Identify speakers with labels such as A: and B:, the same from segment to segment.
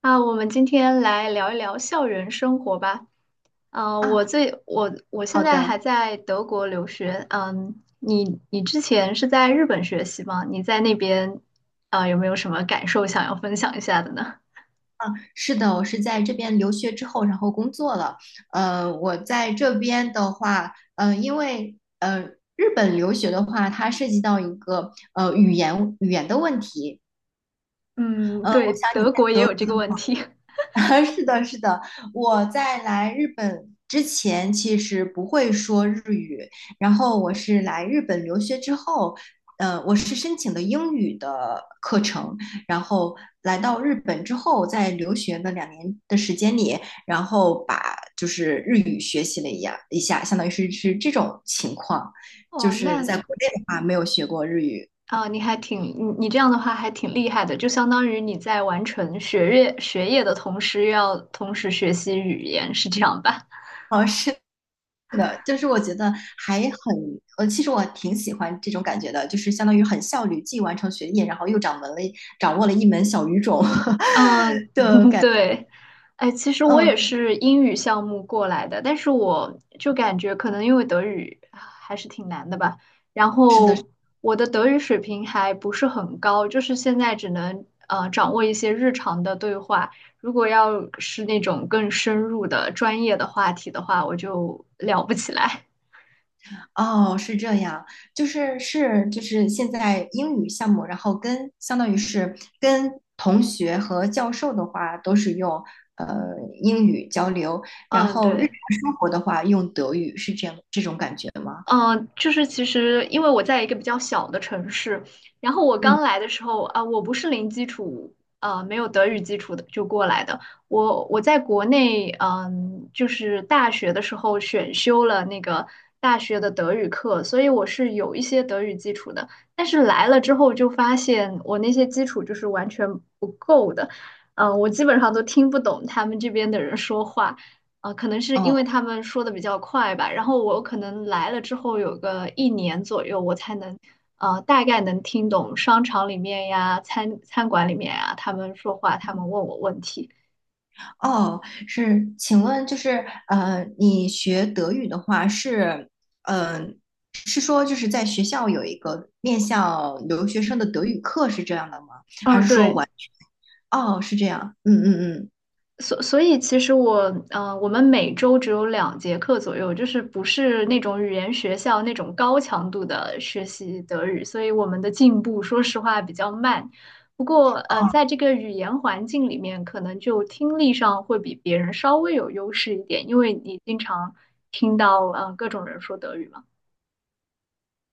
A: 啊，我们今天来聊一聊校园生活吧。我
B: 啊，
A: 最我我现
B: 好
A: 在还
B: 的，
A: 在德国留学。嗯，你之前是在日本学习吗？你在那边啊，有没有什么感受想要分享一下的呢？
B: 是的，我是在这边留学之后，然后工作了。我在这边的话，因为日本留学的话，它涉及到一个语言的问题。
A: 嗯，
B: 呃，我
A: 对，
B: 想你
A: 德
B: 在
A: 国也
B: 德
A: 有这个问题。
B: 是的，是的，我在来日本之前其实不会说日语，然后我是来日本留学之后，我是申请的英语的课程，然后来到日本之后，在留学的2年的时间里，然后把就是日语学习了一下，相当于是这种情况，就
A: 哦，
B: 是
A: 那
B: 在国内的话没有学过日语。
A: 啊，你还挺你你这样的话还挺厉害的，就相当于你在完成学业的同时，又要同时学习语言，是这样吧？
B: 哦，是的，就是我觉得其实我挺喜欢这种感觉的，就是相当于很效率，既完成学业，然后又掌握了一门小语种
A: 嗯，
B: 的 感。
A: 对，哎，其实我也
B: 嗯，
A: 是英语项目过来的，但是我就感觉可能因为德语啊还是挺难的吧，然
B: 是的，是
A: 后
B: 的。
A: 我的德语水平还不是很高，就是现在只能掌握一些日常的对话，如果要是那种更深入的专业的话题的话，我就聊不起来。
B: 哦，是这样，就是现在英语项目，然后相当于是跟同学和教授的话都是用呃英语交流，然
A: 嗯，
B: 后日
A: 对。
B: 常生活的话用德语，是这样这种感觉吗？
A: 就是其实因为我在一个比较小的城市，然后我刚
B: 嗯。
A: 来的时候啊，我不是零基础，没有德语基础的就过来的。我在国内，就是大学的时候选修了那个大学的德语课，所以我是有一些德语基础的。但是来了之后就发现我那些基础就是完全不够的，我基本上都听不懂他们这边的人说话。可能是因为
B: 哦，
A: 他们说的比较快吧，然后我可能来了之后有个一年左右，我才能，大概能听懂商场里面呀、餐馆里面呀，他们说话，他们问我问题。
B: 哦，是，请问就是你学德语的话是，呃，是说就是在学校有一个面向留学生的德语课是这样的吗？还
A: 嗯，
B: 是说
A: 对。
B: 完全？哦，是这样，嗯嗯嗯。
A: 所以，其实我们每周只有2节课左右，就是不是那种语言学校那种高强度的学习德语，所以我们的进步，说实话比较慢。不过，
B: 哦，
A: 在这个语言环境里面，可能就听力上会比别人稍微有优势一点，因为你经常听到，各种人说德语嘛。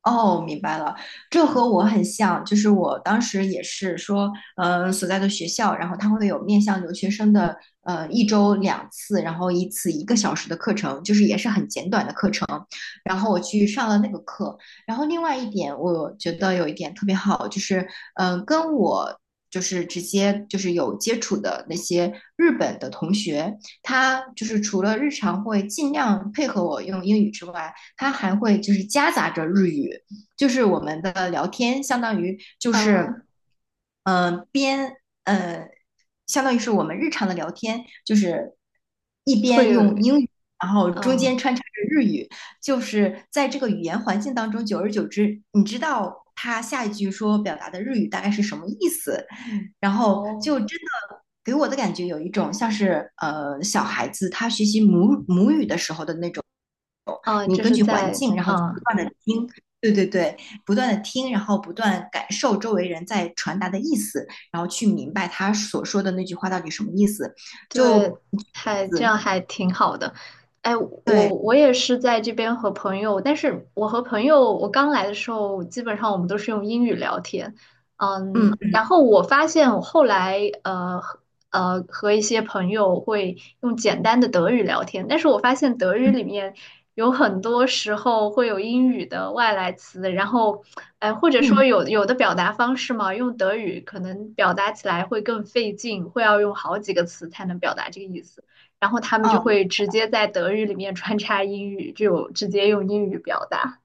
B: 哦，明白了，这和我很像，就是我当时也是说，所在的学校，然后它会有面向留学生的，一周两次，然后一次一个小时的课程，就是也是很简短的课程，然后我去上了那个课，然后另外一点，我觉得有一点特别好，就是，嗯、呃，跟我。就是直接就是有接触的那些日本的同学，他就是除了日常会尽量配合我用英语之外，它还会就是夹杂着日语，就是我们的聊天，
A: 嗯，
B: 嗯、呃边呃，相当于是我们日常的聊天，就是一
A: 会
B: 边
A: 有
B: 用英语，然后
A: 嗯、
B: 中
A: 呃
B: 间穿插着日语，就是在这个语言环境当中，久而久之，你知道，他下一句说表达的日语大概是什么意思，然后就
A: 哦，
B: 真的给我的感觉有一种像是小孩子他学习母语的时候的那种。
A: 嗯、
B: 你
A: 就
B: 根
A: 是
B: 据环
A: 在，
B: 境，然后不
A: 嗯、
B: 断的听，对对对，不断的听，然后不断感受周围人在传达的意思，然后去明白他所说的那句话到底什么意思，
A: 对，
B: 就意
A: 还这
B: 思，
A: 样还挺好的。哎，我
B: 对，
A: 我也是在这边和朋友，但是我和朋友，我刚来的时候，基本上我们都是用英语聊天。
B: 嗯
A: 然后我发现我后来和一些朋友会用简单的德语聊天，但是我发现德语里面有很多时候会有英语的外来词，然后，哎、或者说
B: 嗯。
A: 有的表达方式嘛，用德语可能表达起来会更费劲，会要用好几个词才能表达这个意思，然后他们就
B: 哦，
A: 会直接在德语里面穿插英语，就直接用英语表达。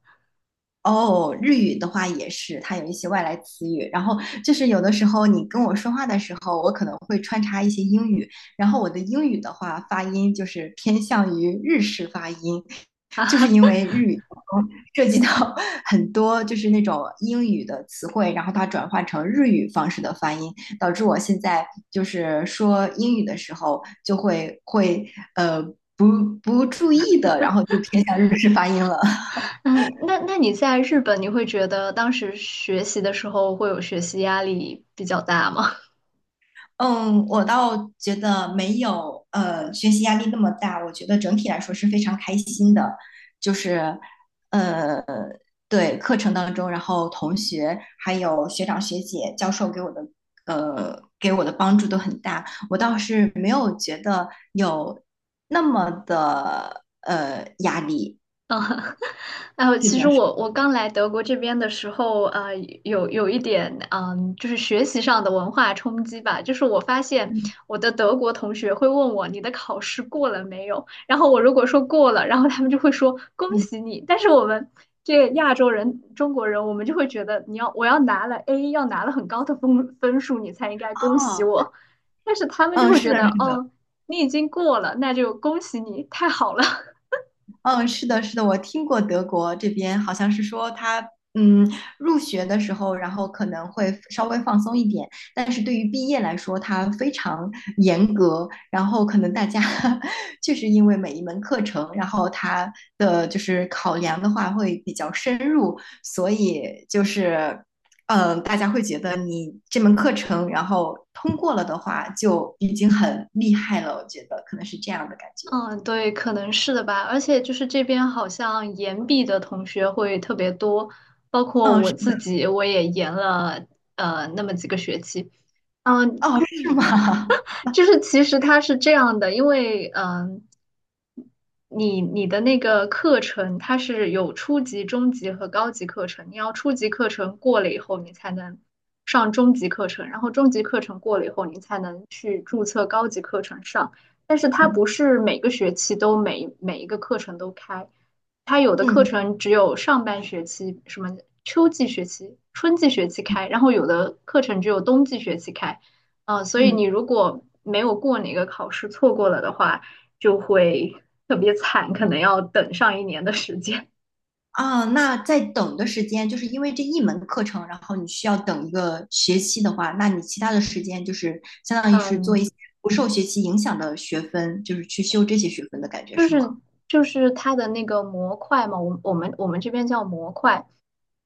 B: 哦，日语的话也是，它有一些外来词语。然后就是有的时候你跟我说话的时候，我可能会穿插一些英语。然后我的英语的话，发音就是偏向于日式发音，就是因为日语当中 涉及到 很多就是那种英语的词汇，然后它转换成日语方式的发音，导致我现在就是说英语的时候就会会呃不不注意的，然后就偏向日式发音了。
A: 嗯，那你在日本，你会觉得当时学习的时候会有学习压力比较大吗？
B: 嗯，我倒觉得没有学习压力那么大，我觉得整体来说是非常开心的，就是呃对课程当中，然后同学还有学长学姐、教授给我的帮助都很大，我倒是没有觉得有那么的压力。
A: 嗯，哎呦，
B: 是
A: 其实
B: 的，是的。
A: 我刚来德国这边的时候，有一点，就是学习上的文化冲击吧。就是我发现
B: 嗯
A: 我的德国同学会问我你的考试过了没有，然后我如果说过了，然后他们就会说恭
B: 嗯，
A: 喜你。但是我们这个亚洲人、中国人，我们就会觉得我要拿了 A，要拿了很高的分数，你才应该恭喜
B: 哦，
A: 我。但是他们就
B: 嗯，
A: 会
B: 是
A: 觉
B: 的，
A: 得，
B: 是的。
A: 哦，你已经过了，那就恭喜你，太好了。
B: 嗯，是的，是的，我听过德国这边好像是说他，嗯，入学的时候，然后可能会稍微放松一点，但是对于毕业来说，它非常严格，然后可能大家 确实因为每一门课程，然后它的就是考量的话会比较深入，所以就是。嗯，大家会觉得你这门课程，然后通过了的话，就已经很厉害了。我觉得可能是这样的感觉。
A: 嗯，对，可能是的吧。而且就是这边好像延毕的同学会特别多，包括
B: 嗯，
A: 我
B: 是。
A: 自己，我也延了那么几个学期。嗯，
B: 哦，是吗？
A: 就是其实它是这样的，因为你的那个课程它是有初级、中级和高级课程，你要初级课程过了以后，你才能上中级课程，然后中级课程过了以后，你才能去注册高级课程上。但是它不
B: 嗯
A: 是每个学期都每一个课程都开，它有的课
B: 嗯
A: 程只有上半学期、什么秋季学期、春季学期开，然后有的课程只有冬季学期开。所以
B: 嗯。
A: 你如果没有过哪个考试，错过了的话，就会特别惨，可能要等上一年的时间。
B: 啊，那在等的时间，就是因为这一门课程，然后你需要等一个学期的话，那你其他的时间就是相 当于是做一
A: 嗯，
B: 些不受学期影响的学分，就是去修这些学分的感觉
A: 就
B: 是
A: 是
B: 吗？
A: 就是它的那个模块嘛，我们这边叫模块，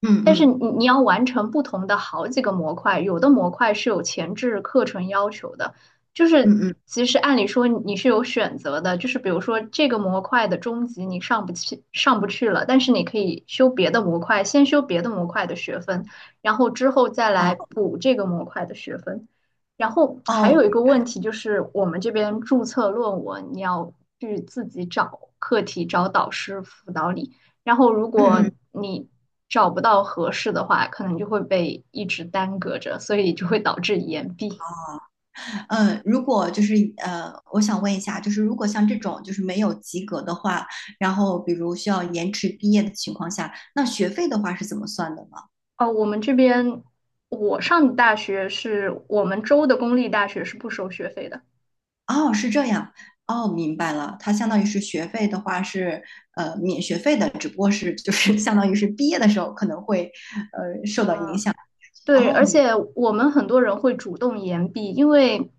B: 嗯
A: 但是
B: 嗯
A: 你要完成不同的好几个模块，有的模块是有前置课程要求的，就是
B: 嗯嗯。
A: 其实按理说你是有选择的，就是比如说这个模块的中级你上不去了，但是你可以修别的模块，先修别的模块的学分，然后之后再来
B: 哦，
A: 补这个模块的学分。然后还
B: 哦，
A: 有一
B: 明
A: 个
B: 白
A: 问
B: 了。
A: 题就是，我们这边注册论文你要去自己找课题、找导师辅导你。然后如
B: 嗯
A: 果
B: 嗯，
A: 你找不到合适的话，可能就会被一直耽搁着，所以就会导致延毕。
B: 如果就是我想问一下，就是如果像这种就是没有及格的话，然后比如需要延迟毕业的情况下，那学费的话是怎么算的呢？
A: 哦，我们这边我上的大学是我们州的公立大学是不收学费的。
B: 哦，是这样。哦，明白了。它相当于是学费的话是免学费的，只不过是就是相当于是毕业的时候可能会。
A: 嗯，对，
B: 哦
A: 而
B: 明
A: 且我们很多人会主动延毕，因为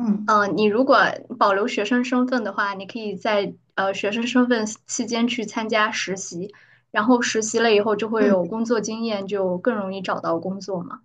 B: 嗯
A: 你如果保留学生身份的话，你可以在学生身份期间去参加实习，然后实习了以后就会
B: 嗯。
A: 有工作经验，就更容易找到工作嘛。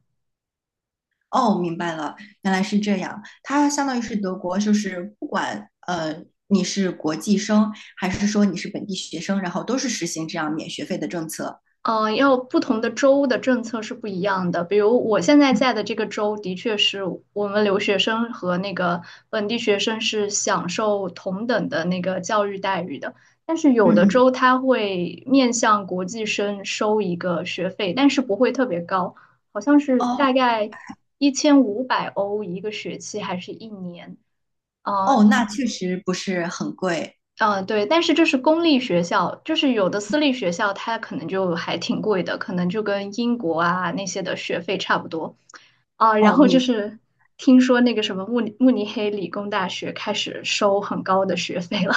B: 哦，明白了，原来是这样。它相当于是德国，就是不管你是国际生还是说你是本地学生，然后都是实行这样免学费的政策。
A: 要不同的州的政策是不一样的。比如我现在在的这个州，的确是我们留学生和那个本地学生是享受同等的那个教育待遇的。但是有
B: 嗯
A: 的
B: 嗯。
A: 州它会面向国际生收一个学费，但是不会特别高，好像是
B: 哦
A: 大概1500欧一个学期还是一年。呃，
B: 哦，那确实不是很贵。
A: 嗯，对，但是这是公立学校，就是有的私立学校它可能就还挺贵的，可能就跟英国啊那些的学费差不多。啊，然
B: 哦
A: 后就
B: 明
A: 是听说那个什么慕尼黑理工大学开始收很高的学费了。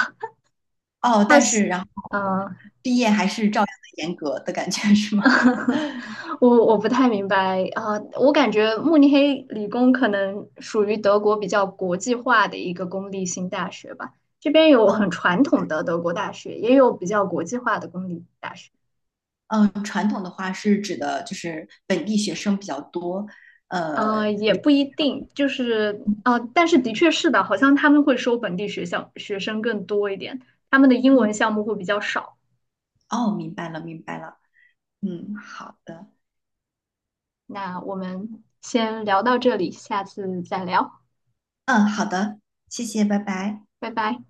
B: 哦，
A: 它
B: 但
A: 是，
B: 是然后
A: 嗯，
B: 毕业还是照样的严格的感觉是吗？
A: 我不太明白啊，我感觉慕尼黑理工可能属于德国比较国际化的一个公立性大学吧。这边有很
B: 哦。
A: 传统的德国大学，也有比较国际化的公立大学。
B: 传统的话是指的就是本地学生比较多。呃，
A: 也不一定，就是但是的确是的，好像他们会收本地学校学生更多一点，他们的英
B: 嗯，
A: 文项目会比较少。
B: 哦，明白了，明白了。嗯，好的。
A: 那我们先聊到这里，下次再聊，
B: 嗯，好的，谢谢，拜拜。
A: 拜拜。